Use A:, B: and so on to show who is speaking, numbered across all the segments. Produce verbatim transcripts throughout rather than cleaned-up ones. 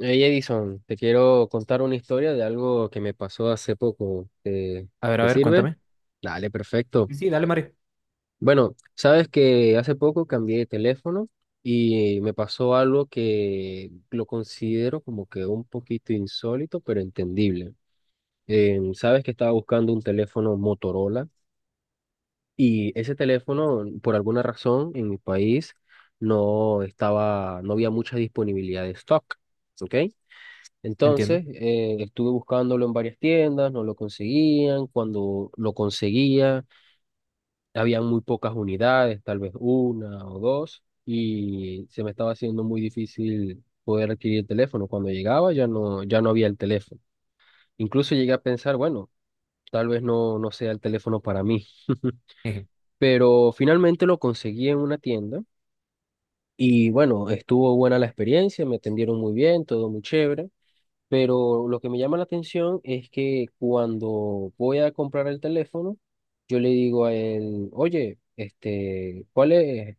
A: Hey Edison, te quiero contar una historia de algo que me pasó hace poco. ¿Te,
B: A ver, a
A: te
B: ver,
A: sirve?
B: cuéntame.
A: Dale, perfecto.
B: Sí, sí, dale, Mario.
A: Bueno, sabes que hace poco cambié de teléfono y me pasó algo que lo considero como que un poquito insólito, pero entendible. Eh, sabes que estaba buscando un teléfono Motorola y ese teléfono, por alguna razón, en mi país no estaba, no había mucha disponibilidad de stock, ¿ok?
B: Entiendo.
A: Entonces, eh, estuve buscándolo en varias tiendas, no lo conseguían. Cuando lo conseguía, habían muy pocas unidades, tal vez una o dos, y se me estaba haciendo muy difícil poder adquirir el teléfono. Cuando llegaba ya no, ya no había el teléfono. Incluso llegué a pensar, bueno, tal vez no, no sea el teléfono para mí.
B: Eje.
A: Pero finalmente lo conseguí en una tienda y bueno, estuvo buena la experiencia, me atendieron muy bien, todo muy chévere. Pero lo que me llama la atención es que cuando voy a comprar el teléfono, yo le digo a él, oye, este, ¿cuál es?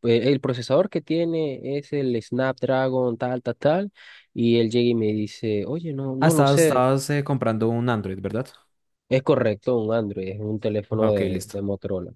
A: Pues, el procesador que tiene es el Snapdragon tal, tal, tal. Y él llega y me dice, oye, no,
B: Ah,
A: no lo
B: estabas,
A: sé.
B: estabas eh, comprando un Android, ¿verdad?
A: Es correcto, un Android, es un teléfono
B: Ok,
A: de,
B: listo.
A: de Motorola.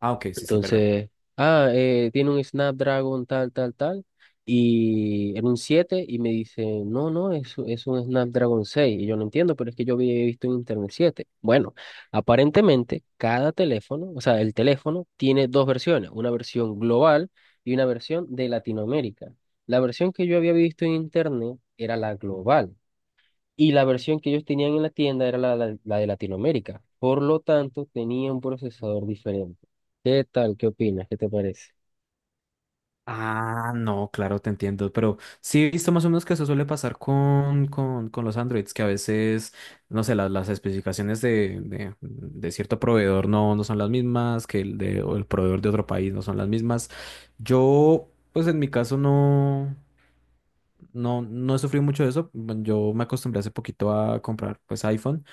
B: Ah, ok, sí, sí, verdad.
A: Entonces, ah, eh, tiene un Snapdragon tal, tal, tal, y era un siete y me dice, no, no, es, es un Snapdragon seis. Y yo no entiendo, pero es que yo había visto en Internet siete. Bueno, aparentemente cada teléfono, o sea, el teléfono tiene dos versiones, una versión global y una versión de Latinoamérica. La versión que yo había visto en Internet era la global. Y la versión que ellos tenían en la tienda era la, la- la de Latinoamérica. Por lo tanto, tenía un procesador diferente. ¿Qué tal? ¿Qué opinas? ¿Qué te parece?
B: Ah, no, claro, te entiendo, pero sí he visto más o menos que eso suele pasar con, con, con los Androids, que a veces, no sé, las, las especificaciones de, de, de cierto proveedor no, no son las mismas, que el de, o el proveedor de otro país no son las mismas. Yo, pues en mi caso no, no, no he sufrido mucho de eso. Bueno, yo me acostumbré hace poquito a comprar, pues, iPhone.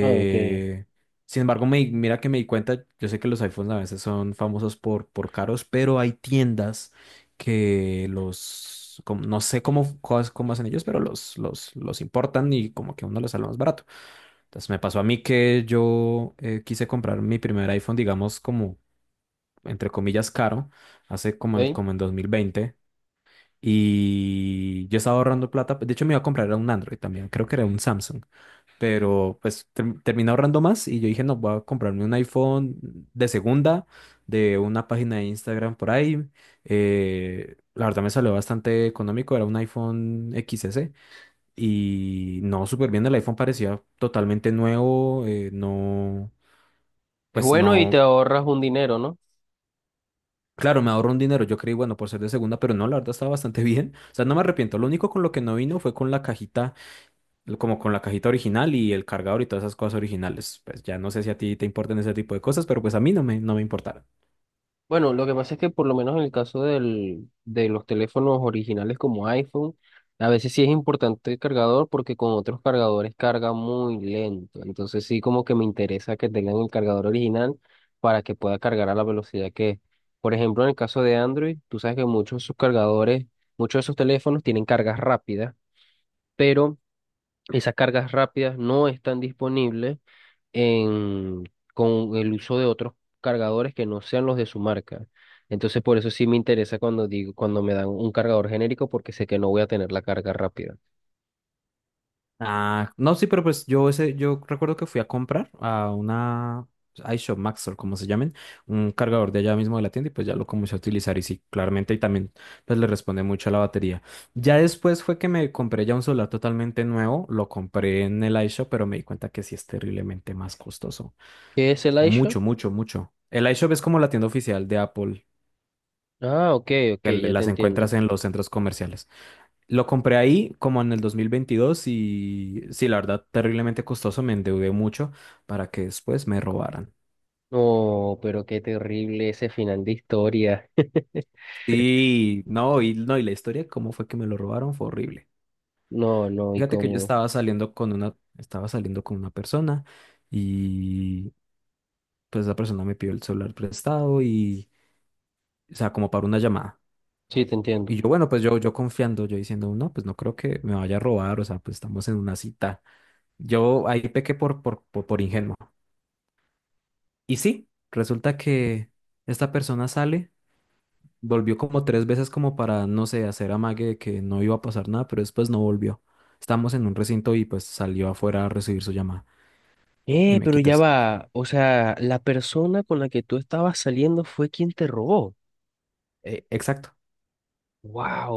A: Ah, ok.
B: Sin embargo, me, di- mira que me di cuenta, yo sé que los iPhones a veces son famosos por, por caros, pero hay tiendas que los, como no sé cómo, cos- cómo hacen ellos, pero los, los, los importan y como que a uno los sale más barato. Entonces me pasó a mí que yo eh, quise comprar mi primer iPhone, digamos, como entre comillas caro, hace como en,
A: Ok.
B: como en dos mil veinte. Y yo estaba ahorrando plata. De hecho, me iba a comprar era un Android también. Creo que era un Samsung. Pero pues ter- terminé ahorrando más y yo dije, no, voy a comprarme un iPhone de segunda, de una página de Instagram por ahí. Eh, la verdad me salió bastante económico, era un iPhone X S y no, súper bien, el iPhone parecía totalmente nuevo, eh, no,
A: Es
B: pues
A: bueno y te
B: no,
A: ahorras un dinero, ¿no?
B: claro, me ahorro un dinero, yo creí, bueno, por ser de segunda, pero no, la verdad estaba bastante bien. O sea, no me arrepiento, lo único con lo que no vino fue con la cajita como con la cajita original y el cargador y todas esas cosas originales. Pues ya no sé si a ti te importan ese tipo de cosas, pero pues a mí no me, no me importaron.
A: Bueno, lo que pasa es que por lo menos en el caso del, de los teléfonos originales como iPhone, a veces sí es importante el cargador porque con otros cargadores carga muy lento. Entonces sí como que me interesa que tengan el cargador original para que pueda cargar a la velocidad que es. Por ejemplo, en el caso de Android, tú sabes que muchos de sus cargadores, muchos de esos teléfonos tienen cargas rápidas, pero esas cargas rápidas no están disponibles en, con el uso de otros cargadores que no sean los de su marca. Entonces, por eso sí me interesa cuando digo, cuando me dan un cargador genérico, porque sé que no voy a tener la carga rápida.
B: Ah, no, sí, pero pues yo ese, yo recuerdo que fui a comprar a una pues, iShop Max o como se llamen, un cargador de allá mismo de la tienda y pues ya lo comencé a utilizar y sí, claramente y también pues le responde mucho a la batería. Ya después fue que me compré ya un celular totalmente nuevo, lo compré en el iShop, pero me di cuenta que sí es terriblemente más costoso.
A: ¿Qué es el iShop?
B: Mucho, mucho, mucho. El iShop es como la tienda oficial de Apple
A: Ah, ok, ok,
B: que le-
A: ya te
B: las encuentras
A: entiendo.
B: en los centros comerciales. Lo compré ahí como en el dos mil veintidós y sí, la verdad, terriblemente costoso, me endeudé mucho para que después me robaran.
A: No, pero qué terrible ese final de historia.
B: Y no, y no, Y la historia, cómo fue que me lo robaron, fue horrible.
A: No, no, y
B: Fíjate que yo
A: como...
B: estaba saliendo con una, estaba saliendo con una persona y pues esa persona me pidió el celular prestado y, o sea, como para una llamada.
A: Sí, te
B: Y
A: entiendo.
B: yo, bueno, pues yo, yo confiando, yo diciendo, no, pues no creo que me vaya a robar, o sea, pues estamos en una cita. Yo ahí pequé por, por, por, por ingenuo. Y sí, resulta que esta persona sale, volvió como tres veces como para, no sé, hacer amague de que no iba a pasar nada, pero después no volvió. Estábamos en un recinto y pues salió afuera a recibir su llamada y
A: Eh,
B: me
A: pero
B: quitó
A: ya
B: el cel.
A: va. O sea, la persona con la que tú estabas saliendo fue quien te robó.
B: Eh, exacto,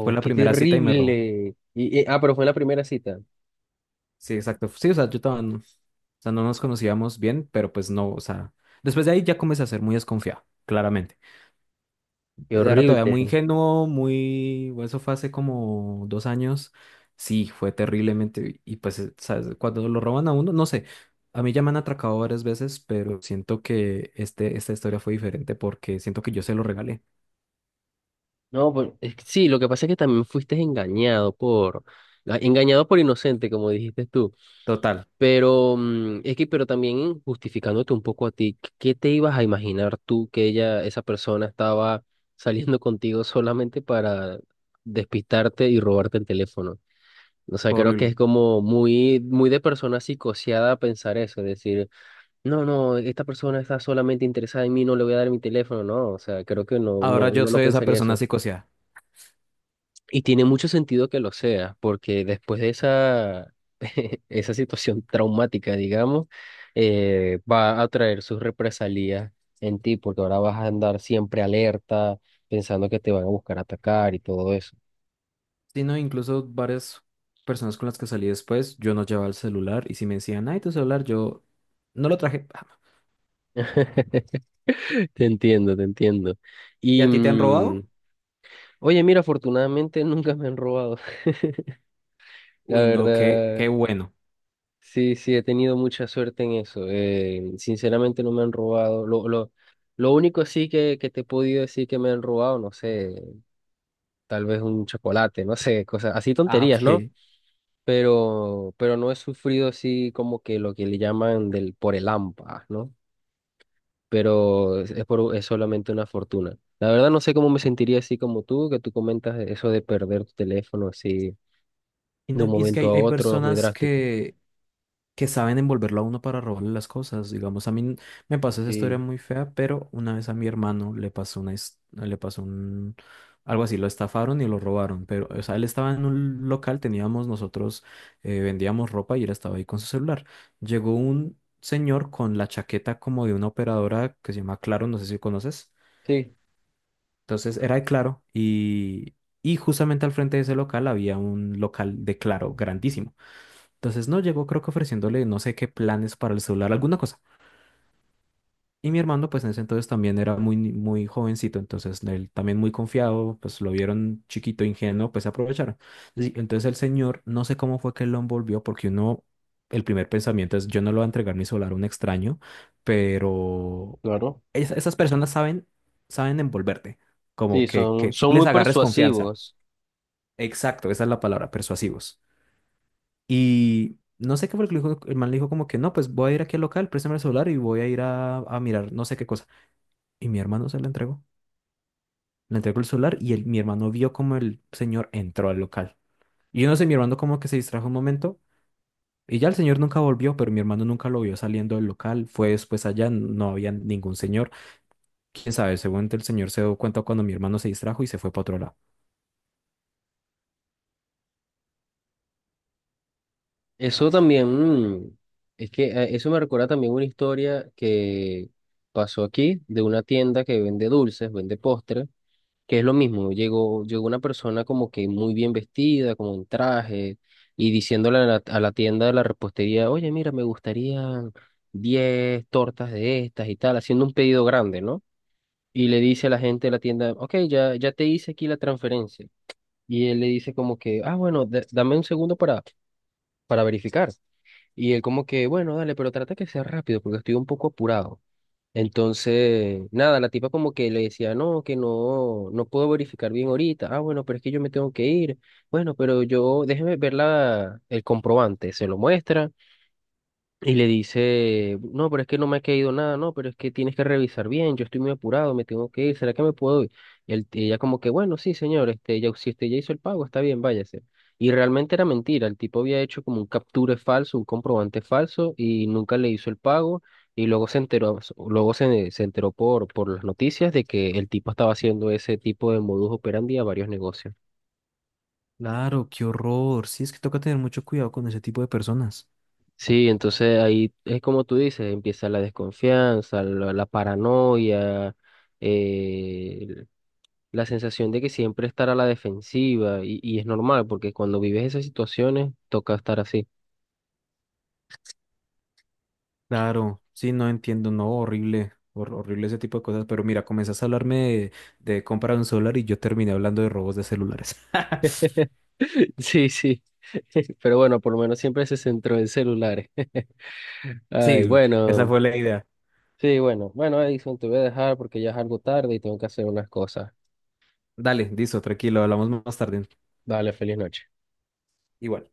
B: fue la
A: qué
B: primera cita y me robó.
A: terrible. Y, y- ah, pero fue en la primera cita.
B: Sí, exacto. Sí, o sea, yo estaba, o sea, no nos conocíamos bien, pero pues no, o sea, después de ahí ya comencé a ser muy desconfiado, claramente.
A: Qué
B: Era todavía
A: horrible.
B: muy ingenuo, muy... bueno, eso fue hace como dos años. Sí, fue terriblemente... Y pues, eh, ¿sabes? Cuando lo roban a uno, no sé. A mí ya me han atracado varias veces, pero siento que este, esta historia fue diferente porque siento que yo se lo regalé.
A: No, pues es que sí, lo que pasa es que también fuiste engañado por, ah, engañado por inocente, como dijiste tú.
B: Total,
A: Pero mm, es que, pero también justificándote un poco a ti, ¿qué te ibas a imaginar tú que ella, esa persona estaba saliendo contigo solamente para despistarte y robarte el teléfono? O sea,
B: fue
A: creo que
B: horrible.
A: es como muy, muy de persona psicoseada pensar eso, es decir, no, no, esta persona está solamente interesada en mí, no le voy a dar mi teléfono, no, o sea, creo que no, no,
B: Ahora yo
A: uno no
B: soy esa
A: pensaría
B: persona
A: eso.
B: psicoseada.
A: Y tiene mucho sentido que lo sea, porque después de esa, esa situación traumática, digamos, eh, va a traer sus represalias en ti, porque ahora vas a andar siempre alerta, pensando que te van a buscar atacar y todo eso.
B: Sí, no, incluso varias personas con las que salí después, yo no llevaba el celular y si me decían, ay, tu celular, yo no lo traje. Ah,
A: Te entiendo, te entiendo.
B: ¿y
A: Y,
B: a ti te han robado?
A: mm, Oye, mira, afortunadamente nunca me han robado, la
B: Uy, no, qué,
A: verdad.
B: qué bueno.
A: Sí, sí, he tenido mucha suerte en eso. Eh, sinceramente no me han robado. Lo, lo, lo único sí que, que te he podido decir que me han robado, no sé, tal vez un chocolate, no sé, cosas así
B: Ah,
A: tonterías, ¿no?
B: ok.
A: Pero, pero no he sufrido así como que lo que le llaman del por el hampa, ¿no? Pero es, es por, es solamente una fortuna. La verdad no sé cómo me sentiría así como tú, que tú comentas eso de perder tu teléfono así
B: Y,
A: de
B: no-
A: un
B: y es que
A: momento
B: hay,
A: a
B: hay
A: otro, es muy
B: personas
A: drástico.
B: que, que saben envolverlo a uno para robarle las cosas. Digamos, a mí n- me pasó esa historia
A: Sí,
B: muy fea, pero una vez a mi hermano le pasó una, his- le pasó un, algo así, lo estafaron y lo robaron. Pero, o sea, él estaba en un local, teníamos nosotros, eh, vendíamos ropa y él estaba ahí con su celular. Llegó un señor con la chaqueta como de una operadora que se llama Claro, no sé si conoces.
A: sí,
B: Entonces era de Claro y, y justamente al frente de ese local había un local de Claro grandísimo. Entonces no llegó, creo que ofreciéndole no sé qué planes para el celular, alguna cosa. Y mi hermano, pues en ese entonces también era muy, ni- muy jovencito, entonces él también muy confiado, pues lo vieron chiquito, ingenuo, pues aprovecharon. Sí, entonces el señor, no sé cómo fue que lo envolvió, porque uno, el primer pensamiento es, yo no lo voy a entregar mi celular a un extraño, pero
A: claro.
B: es- esas personas saben, saben envolverte,
A: Sí,
B: como que,
A: son,
B: que tú
A: son
B: les
A: muy
B: agarres confianza.
A: persuasivos.
B: Exacto, esa es la palabra, persuasivos. Y no sé qué fue lo que le dijo, el man le dijo como que no, pues voy a ir aquí al local, préstame el celular y voy a ir a, a mirar no sé qué cosa. Y mi hermano se la entregó. Le entregó el celular y el- mi hermano vio como el señor entró al local. Y yo no sé, mi hermano como que se distrajo un momento y ya el señor nunca volvió, pero mi hermano nunca lo vio saliendo del local. Fue después allá, no había ningún señor. Quién sabe, seguramente el señor se dio cuenta cuando mi hermano se distrajo y se fue para otro lado.
A: Eso también, mm, es que eh, eso me recuerda también una historia que pasó aquí de una tienda que vende dulces, vende postres, que es lo mismo. Llegó, llegó una persona como que muy bien vestida, como en traje, y diciéndole a la, a la tienda de la repostería, oye, mira, me gustarían diez tortas de estas y tal, haciendo un pedido grande, ¿no? Y le dice a la gente de la tienda, ok, ya, ya te hice aquí la transferencia. Y él le dice como que, ah, bueno, da- dame un segundo para, para verificar. Y él como que, bueno, dale, pero trata que sea rápido porque estoy un poco apurado. Entonces, nada, la tipa como que le decía, no, que no, no puedo verificar bien ahorita. Ah, bueno, pero es que yo me tengo que ir. Bueno, pero yo, déjeme ver la, el comprobante. Se lo muestra. Y le dice, no, pero es que no me ha caído nada, no, pero es que tienes que revisar bien, yo estoy muy apurado, me tengo que ir, ¿será que me puedo ir? Y el- y ella como que, bueno, sí, señor, este, ya, si usted ya hizo el pago, está bien, váyase. Y realmente era mentira, el tipo había hecho como un capture falso, un comprobante falso, y nunca le hizo el pago, y luego se enteró, luego se, se enteró por, por las noticias de que el tipo estaba haciendo ese tipo de modus operandi a varios negocios.
B: Claro, qué horror. Sí, es que toca tener mucho cuidado con ese tipo de personas.
A: Sí, entonces ahí es como tú dices, empieza la desconfianza, la, la paranoia, eh, la sensación de que siempre estar a la defensiva y, y es normal porque cuando vives esas situaciones toca estar así.
B: Claro, sí, no entiendo, no, horrible, hor- horrible ese tipo de cosas, pero mira, comenzaste a hablarme de, de comprar un solar y yo terminé hablando de robos de celulares.
A: Sí, sí, pero bueno, por lo menos siempre se centró en celulares. Ay,
B: Sí, esa
A: bueno,
B: fue la idea.
A: sí, bueno, bueno, Edison, te voy a dejar porque ya es algo tarde y tengo que hacer unas cosas.
B: Dale, listo, tranquilo, hablamos más tarde.
A: Dale, feliz noche.
B: Igual.